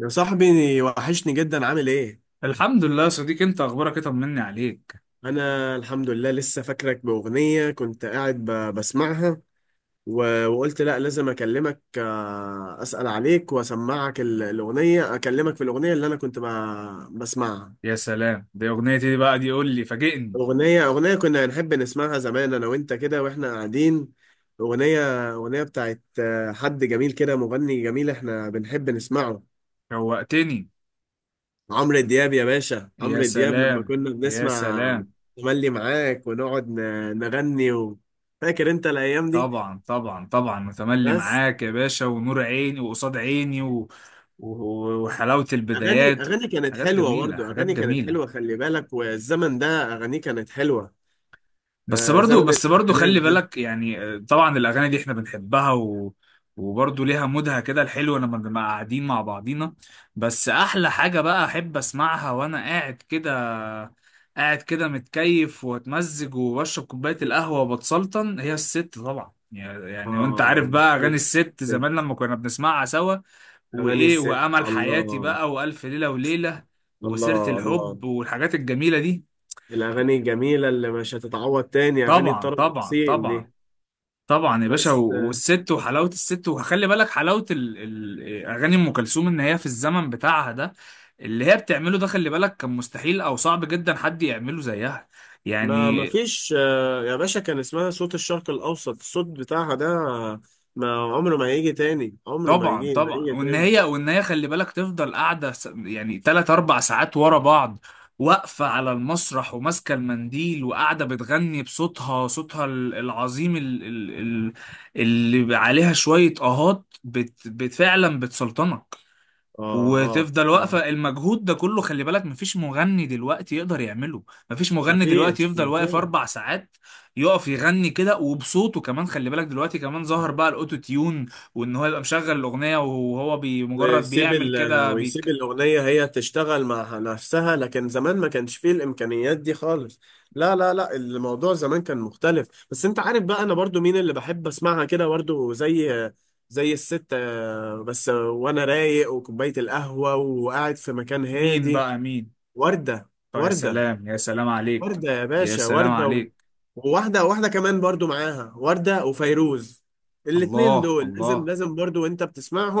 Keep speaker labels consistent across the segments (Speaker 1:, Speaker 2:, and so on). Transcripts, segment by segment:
Speaker 1: يا صاحبي، وحشني جدا، عامل ايه؟
Speaker 2: الحمد لله يا صديقي، انت اخبارك ايه؟ طمني عليك.
Speaker 1: انا الحمد لله لسه فاكرك باغنية كنت قاعد بسمعها، وقلت لا لازم اكلمك، اسأل عليك واسمعك الاغنية، اكلمك في الاغنية اللي انا كنت بسمعها.
Speaker 2: يا سلام، دي اغنيتي دي بقى، دي قول لي، فاجئني.
Speaker 1: اغنية كنا نحب نسمعها زمان انا وانت كده واحنا قاعدين. اغنية بتاعت حد جميل كده، مغني جميل احنا بنحب نسمعه،
Speaker 2: شوقتني.
Speaker 1: عمرو دياب يا باشا.
Speaker 2: يا
Speaker 1: عمرو دياب لما
Speaker 2: سلام،
Speaker 1: كنا
Speaker 2: يا
Speaker 1: بنسمع
Speaker 2: سلام.
Speaker 1: تملي معاك ونقعد نغني و... فاكر انت الايام دي؟
Speaker 2: طبعا، طبعا، طبعا، متملي
Speaker 1: بس.
Speaker 2: معاك يا باشا ونور عيني وقصاد عيني و... و... وحلاوة
Speaker 1: اغاني
Speaker 2: البدايات.
Speaker 1: اغاني كانت
Speaker 2: حاجات
Speaker 1: حلوه،
Speaker 2: جميلة،
Speaker 1: برضه
Speaker 2: حاجات
Speaker 1: اغاني كانت حلوه،
Speaker 2: جميلة.
Speaker 1: خلي بالك، والزمن ده اغانيه كانت حلوه.
Speaker 2: بس
Speaker 1: آه،
Speaker 2: برضو
Speaker 1: زمن
Speaker 2: بس برضو
Speaker 1: الالفينات
Speaker 2: خلي
Speaker 1: ده.
Speaker 2: بالك، يعني طبعا الاغاني دي احنا بنحبها، و وبرضه ليها مودها كده الحلو لما بنبقى قاعدين مع بعضينا. بس احلى حاجة بقى احب اسمعها وانا قاعد كده، قاعد كده متكيف واتمزج وبشرب كوباية القهوة وبتسلطن هي الست، طبعا يعني وانت عارف
Speaker 1: اه،
Speaker 2: بقى اغاني الست زمان
Speaker 1: بت-
Speaker 2: لما كنا بنسمعها سوا،
Speaker 1: اغاني
Speaker 2: وايه،
Speaker 1: الست،
Speaker 2: وامل حياتي
Speaker 1: الله،
Speaker 2: بقى، والف ليلة وليلة، وسيرة
Speaker 1: الله، الله.
Speaker 2: الحب والحاجات الجميلة دي.
Speaker 1: الاغاني الجميله اللي مش هتتعوض تاني، اغاني
Speaker 2: طبعا،
Speaker 1: الطرب
Speaker 2: طبعا،
Speaker 1: الاصيل
Speaker 2: طبعا.
Speaker 1: دي.
Speaker 2: طبعا يا باشا، و-
Speaker 1: بس
Speaker 2: والست وحلاوه الست، وخلي بالك حلاوه اغاني ام كلثوم، ان هي في الزمن بتاعها ده اللي هي بتعمله ده خلي بالك كان مستحيل او صعب جدا حد يعمله زيها
Speaker 1: ما
Speaker 2: يعني.
Speaker 1: ما فيش، يا باشا، كان اسمها صوت الشرق الأوسط، الصوت بتاعها ده ما عمره ما هيجي تاني، عمره ما
Speaker 2: طبعا،
Speaker 1: هيجي، ما
Speaker 2: طبعا،
Speaker 1: هيجي
Speaker 2: وان
Speaker 1: تاني.
Speaker 2: هي وان هي خلي بالك تفضل قاعده يعني 3 4 ساعات ورا بعض، واقفه على المسرح وماسكه المنديل وقاعده بتغني بصوتها، العظيم، اللي عليها شويه اهات فعلا بتسلطنك.
Speaker 1: اه، اه،
Speaker 2: وتفضل
Speaker 1: اه.
Speaker 2: واقفة المجهود ده كله، خلي بالك مفيش مغني دلوقتي يقدر يعمله. مفيش
Speaker 1: ما
Speaker 2: مغني دلوقتي
Speaker 1: فيش،
Speaker 2: يفضل
Speaker 1: ما
Speaker 2: واقف
Speaker 1: فيش.
Speaker 2: 4 ساعات يقف يغني كده وبصوته كمان. خلي بالك دلوقتي كمان ظهر بقى الأوتو تيون، وإن هو يبقى مشغل الأغنية وهو مجرد بيعمل كده
Speaker 1: ويسيب
Speaker 2: بيك...
Speaker 1: الأغنية هي تشتغل مع نفسها، لكن زمان ما كانش فيه الإمكانيات دي خالص. لا، لا، لا، الموضوع زمان كان مختلف، بس أنت عارف بقى أنا برضو مين اللي بحب أسمعها كده؟ برضو، زي زي الست، بس وأنا رايق وكوباية القهوة وقاعد في مكان
Speaker 2: مين
Speaker 1: هادي.
Speaker 2: بقى؟ مين؟
Speaker 1: وردة.
Speaker 2: طب يا
Speaker 1: وردة.
Speaker 2: سلام، يا سلام عليك.
Speaker 1: وردة يا
Speaker 2: يا
Speaker 1: باشا،
Speaker 2: سلام
Speaker 1: وردة و...
Speaker 2: عليك.
Speaker 1: وواحدة واحدة كمان برضو معاها، وردة وفيروز، الاتنين
Speaker 2: الله،
Speaker 1: دول لازم،
Speaker 2: الله.
Speaker 1: لازم برضو وانت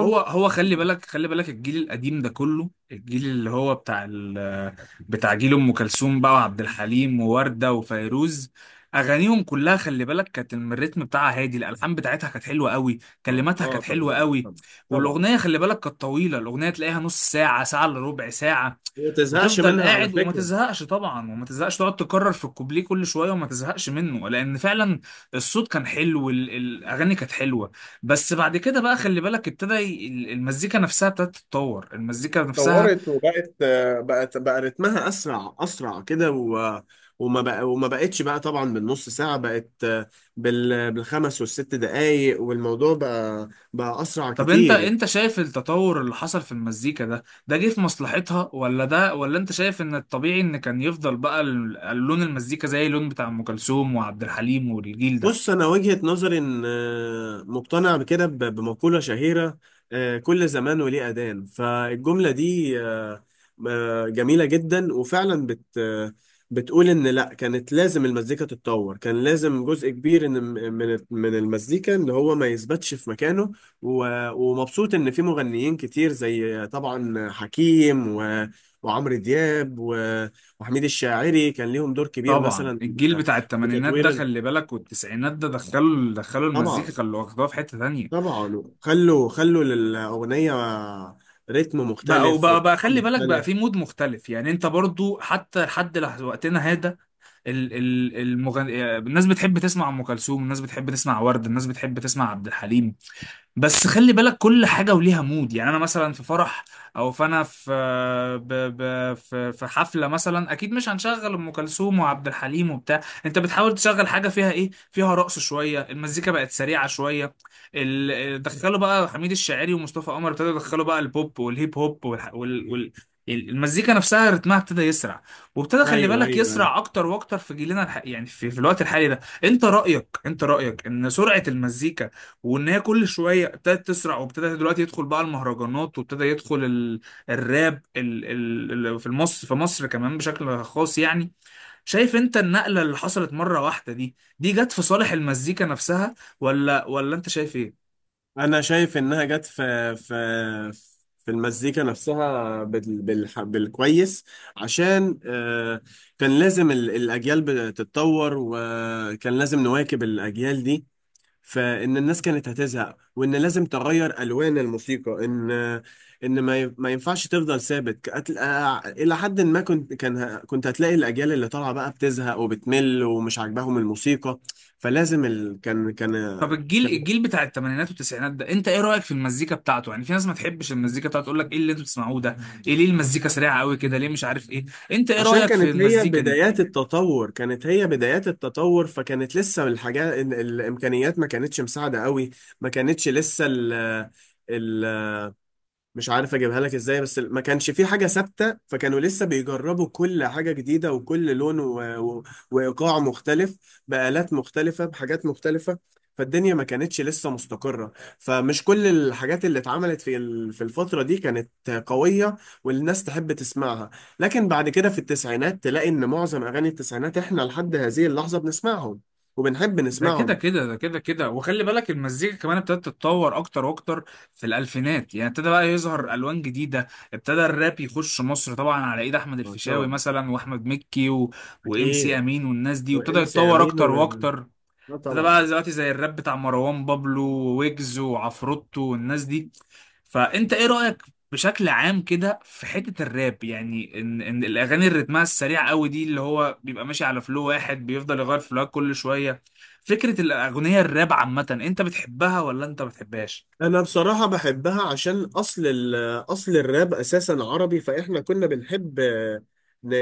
Speaker 2: هو هو، خلي بالك، خلي بالك، الجيل القديم ده كله، الجيل اللي هو بتاع بتاع جيل ام كلثوم بقى وعبد الحليم ووردة وفيروز، اغانيهم كلها خلي بالك كانت الريتم بتاعها هادي، الالحان بتاعتها كانت حلوه قوي،
Speaker 1: اه،
Speaker 2: كلماتها كانت حلوه
Speaker 1: طبعا،
Speaker 2: قوي.
Speaker 1: طبعا،
Speaker 2: والاغنيه
Speaker 1: طبعا.
Speaker 2: خلي بالك كانت طويله، الاغنيه تلاقيها نص ساعه، ساعه الا ربع ساعه،
Speaker 1: وما تزهقش
Speaker 2: وتفضل
Speaker 1: منها على
Speaker 2: قاعد وما
Speaker 1: فكرة.
Speaker 2: تزهقش، طبعا وما تزهقش، تقعد تكرر في الكوبليه كل شويه وما تزهقش منه، لان فعلا الصوت كان حلو الاغاني كانت حلوه. بس بعد كده بقى، خلي بالك، المزيكا نفسها ابتدت تتطور، المزيكا نفسها.
Speaker 1: اتطورت وبقت، بقت بقى رتمها اسرع، اسرع كده و... وما بقى، وما بقتش بقى، طبعا بالنص ساعة، بقت، بالخمس والست دقايق، والموضوع بقى بقى اسرع
Speaker 2: طب انت
Speaker 1: كتير.
Speaker 2: انت شايف التطور اللي حصل في المزيكا ده، ده جه في مصلحتها، ولا انت شايف ان الطبيعي ان كان يفضل بقى لون المزيكا زي اللون بتاع ام كلثوم وعبد الحليم والجيل ده؟
Speaker 1: بص، انا وجهة نظري ان مقتنع بكده، بمقولة شهيرة، كل زمان وليه أذان. فالجملة دي، جميلة جدا، وفعلا بت آه، بتقول ان لا، كانت لازم المزيكا تتطور، كان لازم جزء كبير، من المزيكا ان هو ما يثبتش في مكانه. ومبسوط ان في مغنيين كتير، زي طبعا حكيم وعمرو دياب وحميد الشاعري، كان ليهم دور كبير
Speaker 2: طبعا،
Speaker 1: مثلا
Speaker 2: الجيل بتاع
Speaker 1: في
Speaker 2: الثمانينات ده،
Speaker 1: تطوير
Speaker 2: خلي بالك، والتسعينات ده، دخلوا المزيكا،
Speaker 1: طبعا،
Speaker 2: خلوا واخدوها في حتة تانية.
Speaker 1: طبعا، خلوا، خلوا للأغنية رتم
Speaker 2: بقى
Speaker 1: مختلف
Speaker 2: بقى بقى
Speaker 1: وإيقاع
Speaker 2: خلي بالك، بقى
Speaker 1: مختلف.
Speaker 2: في مود مختلف، يعني انت برضو حتى لحد وقتنا هذا، الناس بتحب تسمع ام كلثوم، الناس بتحب تسمع ورد، الناس بتحب تسمع عبد الحليم. بس خلي بالك كل حاجة وليها مود، يعني أنا مثلا في فرح، أو فأنا في في حفلة مثلا، أكيد مش هنشغل أم كلثوم وعبد الحليم وبتاع، أنت بتحاول تشغل حاجة فيها إيه، فيها رقص شوية، المزيكا بقت سريعة شوية، دخلوا بقى حميد الشاعري ومصطفى قمر، ابتدوا يدخلوا بقى البوب والهيب هوب المزيكا نفسها رتمها ابتدى يسرع، وابتدى خلي
Speaker 1: أيوه، أيوه،
Speaker 2: بالك
Speaker 1: أيوه.
Speaker 2: يسرع اكتر واكتر في جيلنا يعني في الوقت الحالي ده، انت رأيك ان سرعة المزيكا وان هي كل شويه ابتدت تسرع، وابتدى دلوقتي يدخل بقى المهرجانات، وابتدى يدخل الراب في مصر، في مصر كمان بشكل خاص يعني. شايف انت النقله اللي حصلت مره واحده دي، جت في صالح المزيكا نفسها، ولا انت شايف ايه؟
Speaker 1: أنا شايف إنها جت في في المزيكا نفسها، بالكويس. عشان كان لازم الأجيال بتتطور، وكان لازم نواكب الأجيال دي، فان الناس كانت هتزهق، وان لازم تغير الوان الموسيقى، ان ما ينفعش تفضل ثابت. الى حد ما، كنت كنت هتلاقي الاجيال اللي طالعه بقى بتزهق وبتمل ومش عاجباهم الموسيقى، فلازم كان كان
Speaker 2: طب الجيل
Speaker 1: كان
Speaker 2: الجيل بتاع الثمانينات والتسعينات ده، انت ايه رايك في المزيكا بتاعته؟ يعني في ناس ما تحبش المزيكا بتاعته تقول لك ايه اللي انتوا بتسمعوه ده، ايه، ليه المزيكا سريعه قوي كده، ليه، مش عارف ايه، انت ايه
Speaker 1: عشان
Speaker 2: رايك في
Speaker 1: كانت هي
Speaker 2: المزيكا دي؟
Speaker 1: بدايات التطور، كانت هي بدايات التطور، فكانت لسه الحاجات الامكانيات ما كانتش مساعده قوي، ما كانتش لسه ال... مش عارف اجيبها لك ازاي، بس ما كانش في حاجة ثابتة، فكانوا لسه بيجربوا كل حاجة جديدة وكل لون و... و... وايقاع مختلف، بآلات مختلفة بحاجات مختلفة. فالدنيا ما كانتش لسه مستقرة، فمش كل الحاجات اللي اتعملت في في الفترة دي كانت قوية والناس تحب تسمعها. لكن بعد كده في التسعينات تلاقي ان معظم اغاني التسعينات احنا لحد هذه اللحظة بنسمعهم وبنحب
Speaker 2: ده كده
Speaker 1: نسمعهم.
Speaker 2: كده، ده كده كده، وخلي بالك المزيكا كمان ابتدت تتطور اكتر واكتر في الالفينات، يعني ابتدى بقى يظهر الوان جديده، ابتدى الراب يخش مصر طبعا على ايد احمد الفيشاوي
Speaker 1: طبعا.
Speaker 2: مثلا واحمد مكي و... وام سي
Speaker 1: اكيد.
Speaker 2: امين والناس دي، وابتدى
Speaker 1: وام سي
Speaker 2: يتطور
Speaker 1: امين
Speaker 2: اكتر
Speaker 1: و...
Speaker 2: واكتر. ده بقى
Speaker 1: طبعا.
Speaker 2: دلوقتي زي الراب بتاع مروان بابلو، ويجز، وعفروتو، والناس دي، فانت ايه رأيك بشكل عام كده في حتة الراب؟ يعني ان الاغاني اللي رتمها السريع قوي دي، اللي هو بيبقى ماشي على فلو واحد بيفضل يغير فلوهات كل شوية، فكرة الاغنية الراب عامة، انت بتحبها ولا انت ما بتحبهاش؟
Speaker 1: انا بصراحة بحبها، عشان اصل الراب اساسا عربي، فاحنا كنا بنحب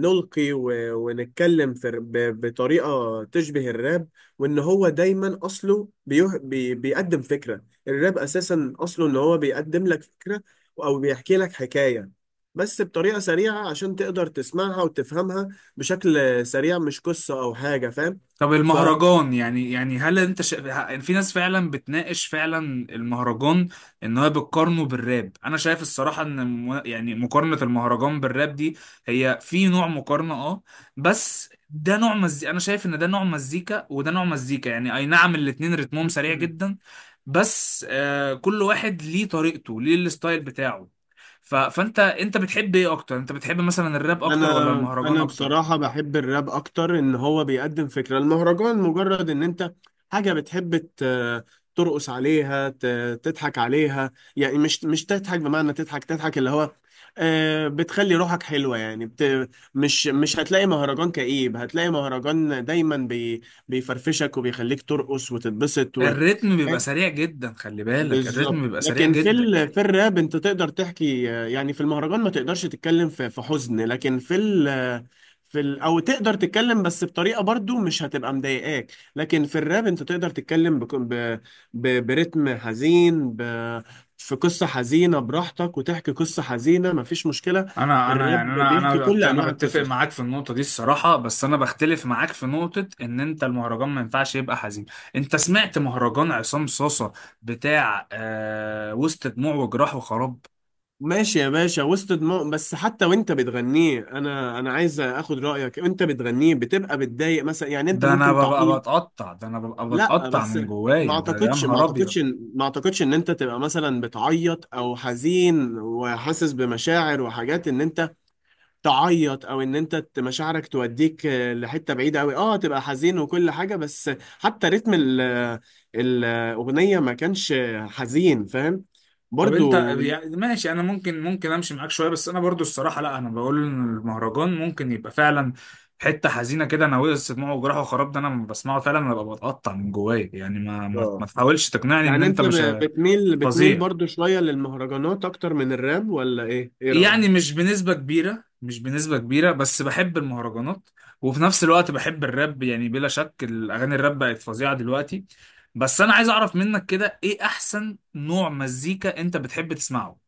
Speaker 1: نلقي ونتكلم في بطريقة تشبه الراب. وان هو دايما اصله بيه بي بيقدم فكرة، الراب اساسا اصله ان هو بيقدم لك فكرة او بيحكي لك حكاية، بس بطريقة سريعة عشان تقدر تسمعها وتفهمها بشكل سريع، مش قصة او حاجة، فاهم؟
Speaker 2: طب
Speaker 1: ف
Speaker 2: المهرجان، يعني هل انت في ناس فعلا بتناقش فعلا المهرجان، ان هو بتقارنه بالراب، انا شايف الصراحه ان يعني مقارنه المهرجان بالراب دي، هي في نوع مقارنه، اه، بس ده نوع مزيكا، انا شايف ان ده نوع مزيكا وده نوع مزيكا، يعني اي نعم الاتنين رتمهم سريع جدا، بس كل واحد ليه طريقته، ليه الستايل بتاعه. ف... فانت، بتحب ايه اكتر؟ انت بتحب مثلا الراب اكتر ولا
Speaker 1: انا
Speaker 2: المهرجان
Speaker 1: انا
Speaker 2: اكتر؟
Speaker 1: بصراحه بحب الراب اكتر، ان هو بيقدم فكره. المهرجان مجرد ان انت حاجه بتحب ترقص عليها، تضحك عليها، يعني مش مش تضحك بمعنى تضحك، تضحك اللي هو بتخلي روحك حلوه، يعني مش مش هتلاقي مهرجان كئيب، هتلاقي مهرجان دايما بيفرفشك وبيخليك ترقص وتتبسط.
Speaker 2: الريتم بيبقى سريع جدا، خلي بالك الريتم
Speaker 1: بالظبط.
Speaker 2: بيبقى سريع
Speaker 1: لكن
Speaker 2: جدا.
Speaker 1: في الراب انت تقدر تحكي، يعني في المهرجان ما تقدرش تتكلم في في حزن، لكن في ال... آه، في ال... او تقدر تتكلم، بس بطريقه برضو مش هتبقى مضايقاك. لكن في الراب انت تقدر تتكلم برتم حزين، في قصه حزينه براحتك، وتحكي قصه حزينه مفيش مشكله.
Speaker 2: انا
Speaker 1: الراب
Speaker 2: يعني انا
Speaker 1: بيحكي
Speaker 2: انا
Speaker 1: كل
Speaker 2: انا
Speaker 1: انواع
Speaker 2: بتفق
Speaker 1: القصص.
Speaker 2: معاك في النقطه دي الصراحه، بس انا بختلف معاك في نقطه ان انت المهرجان ما ينفعش يبقى حزين. انت سمعت مهرجان عصام صاصه؟ بتاع وسط دموع وجراح وخراب،
Speaker 1: ماشي يا باشا، وسط دماغ. بس حتى وانت بتغنيه، انا انا عايز اخد رايك، انت بتغنيه بتبقى بتضايق مثلا؟ يعني انت
Speaker 2: ده انا
Speaker 1: ممكن
Speaker 2: ببقى
Speaker 1: تعيط؟
Speaker 2: بتقطع، ده انا ببقى
Speaker 1: لا،
Speaker 2: بتقطع
Speaker 1: بس
Speaker 2: من جوايا، ده يا نهار ابيض.
Speaker 1: ما اعتقدش ان انت تبقى مثلا بتعيط او حزين وحاسس بمشاعر وحاجات ان انت تعيط، او ان انت مشاعرك توديك، لحته بعيده قوي، اه تبقى حزين وكل حاجه. بس حتى رتم الاغنيه ما كانش حزين، فاهم؟
Speaker 2: طب انت،
Speaker 1: برضو.
Speaker 2: يعني ماشي، انا ممكن امشي معاك شويه، بس انا برضو الصراحه، لا، انا بقول ان المهرجان ممكن يبقى فعلا حته حزينه كده، انا وقع سمعه وجراحه وخراب، ده انا لما بسمعه فعلا انا ببقى بتقطع من جوايا، يعني ما
Speaker 1: اه،
Speaker 2: تحاولش تقنعني ان
Speaker 1: يعني
Speaker 2: انت
Speaker 1: انت
Speaker 2: مش
Speaker 1: بتميل
Speaker 2: فظيع.
Speaker 1: برضو شوية للمهرجانات اكتر من الراب، ولا ايه؟ ايه رأيك؟
Speaker 2: يعني مش بنسبه كبيره، مش بنسبه كبيره، بس بحب المهرجانات، وفي نفس الوقت بحب الراب، يعني بلا شك الاغاني الراب بقت فظيعه دلوقتي. بس انا عايز اعرف منك كده، ايه احسن نوع مزيكا انت بتحب تسمعه؟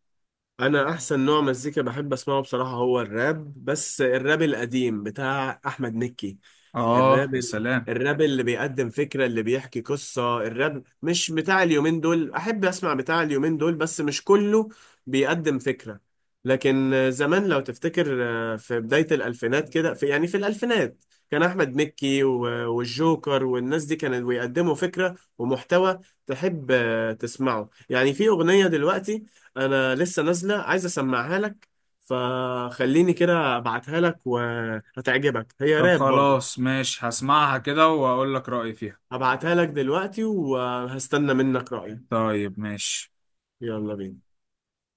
Speaker 1: انا احسن نوع مزيكا بحب اسمعه بصراحة هو الراب، بس الراب القديم بتاع احمد مكي.
Speaker 2: اه،
Speaker 1: الراب
Speaker 2: يا سلام.
Speaker 1: الراب اللي بيقدم فكرة، اللي بيحكي قصة. الراب مش بتاع اليومين دول، أحب أسمع بتاع اليومين دول بس مش كله بيقدم فكرة. لكن زمان لو تفتكر، في بداية الألفينات كده، في يعني في الألفينات كان أحمد مكي والجوكر والناس دي كانوا بيقدموا فكرة ومحتوى تحب تسمعه. يعني في أغنية دلوقتي أنا لسه نازلة عايز أسمعها لك، فخليني كده أبعتها لك وهتعجبك، هي
Speaker 2: طب
Speaker 1: راب برضو.
Speaker 2: خلاص ماشي، هسمعها كده واقول لك رأيي فيها.
Speaker 1: هبعتها لك دلوقتي وهستنى منك رأيك.
Speaker 2: طيب ماشي.
Speaker 1: يلا بينا.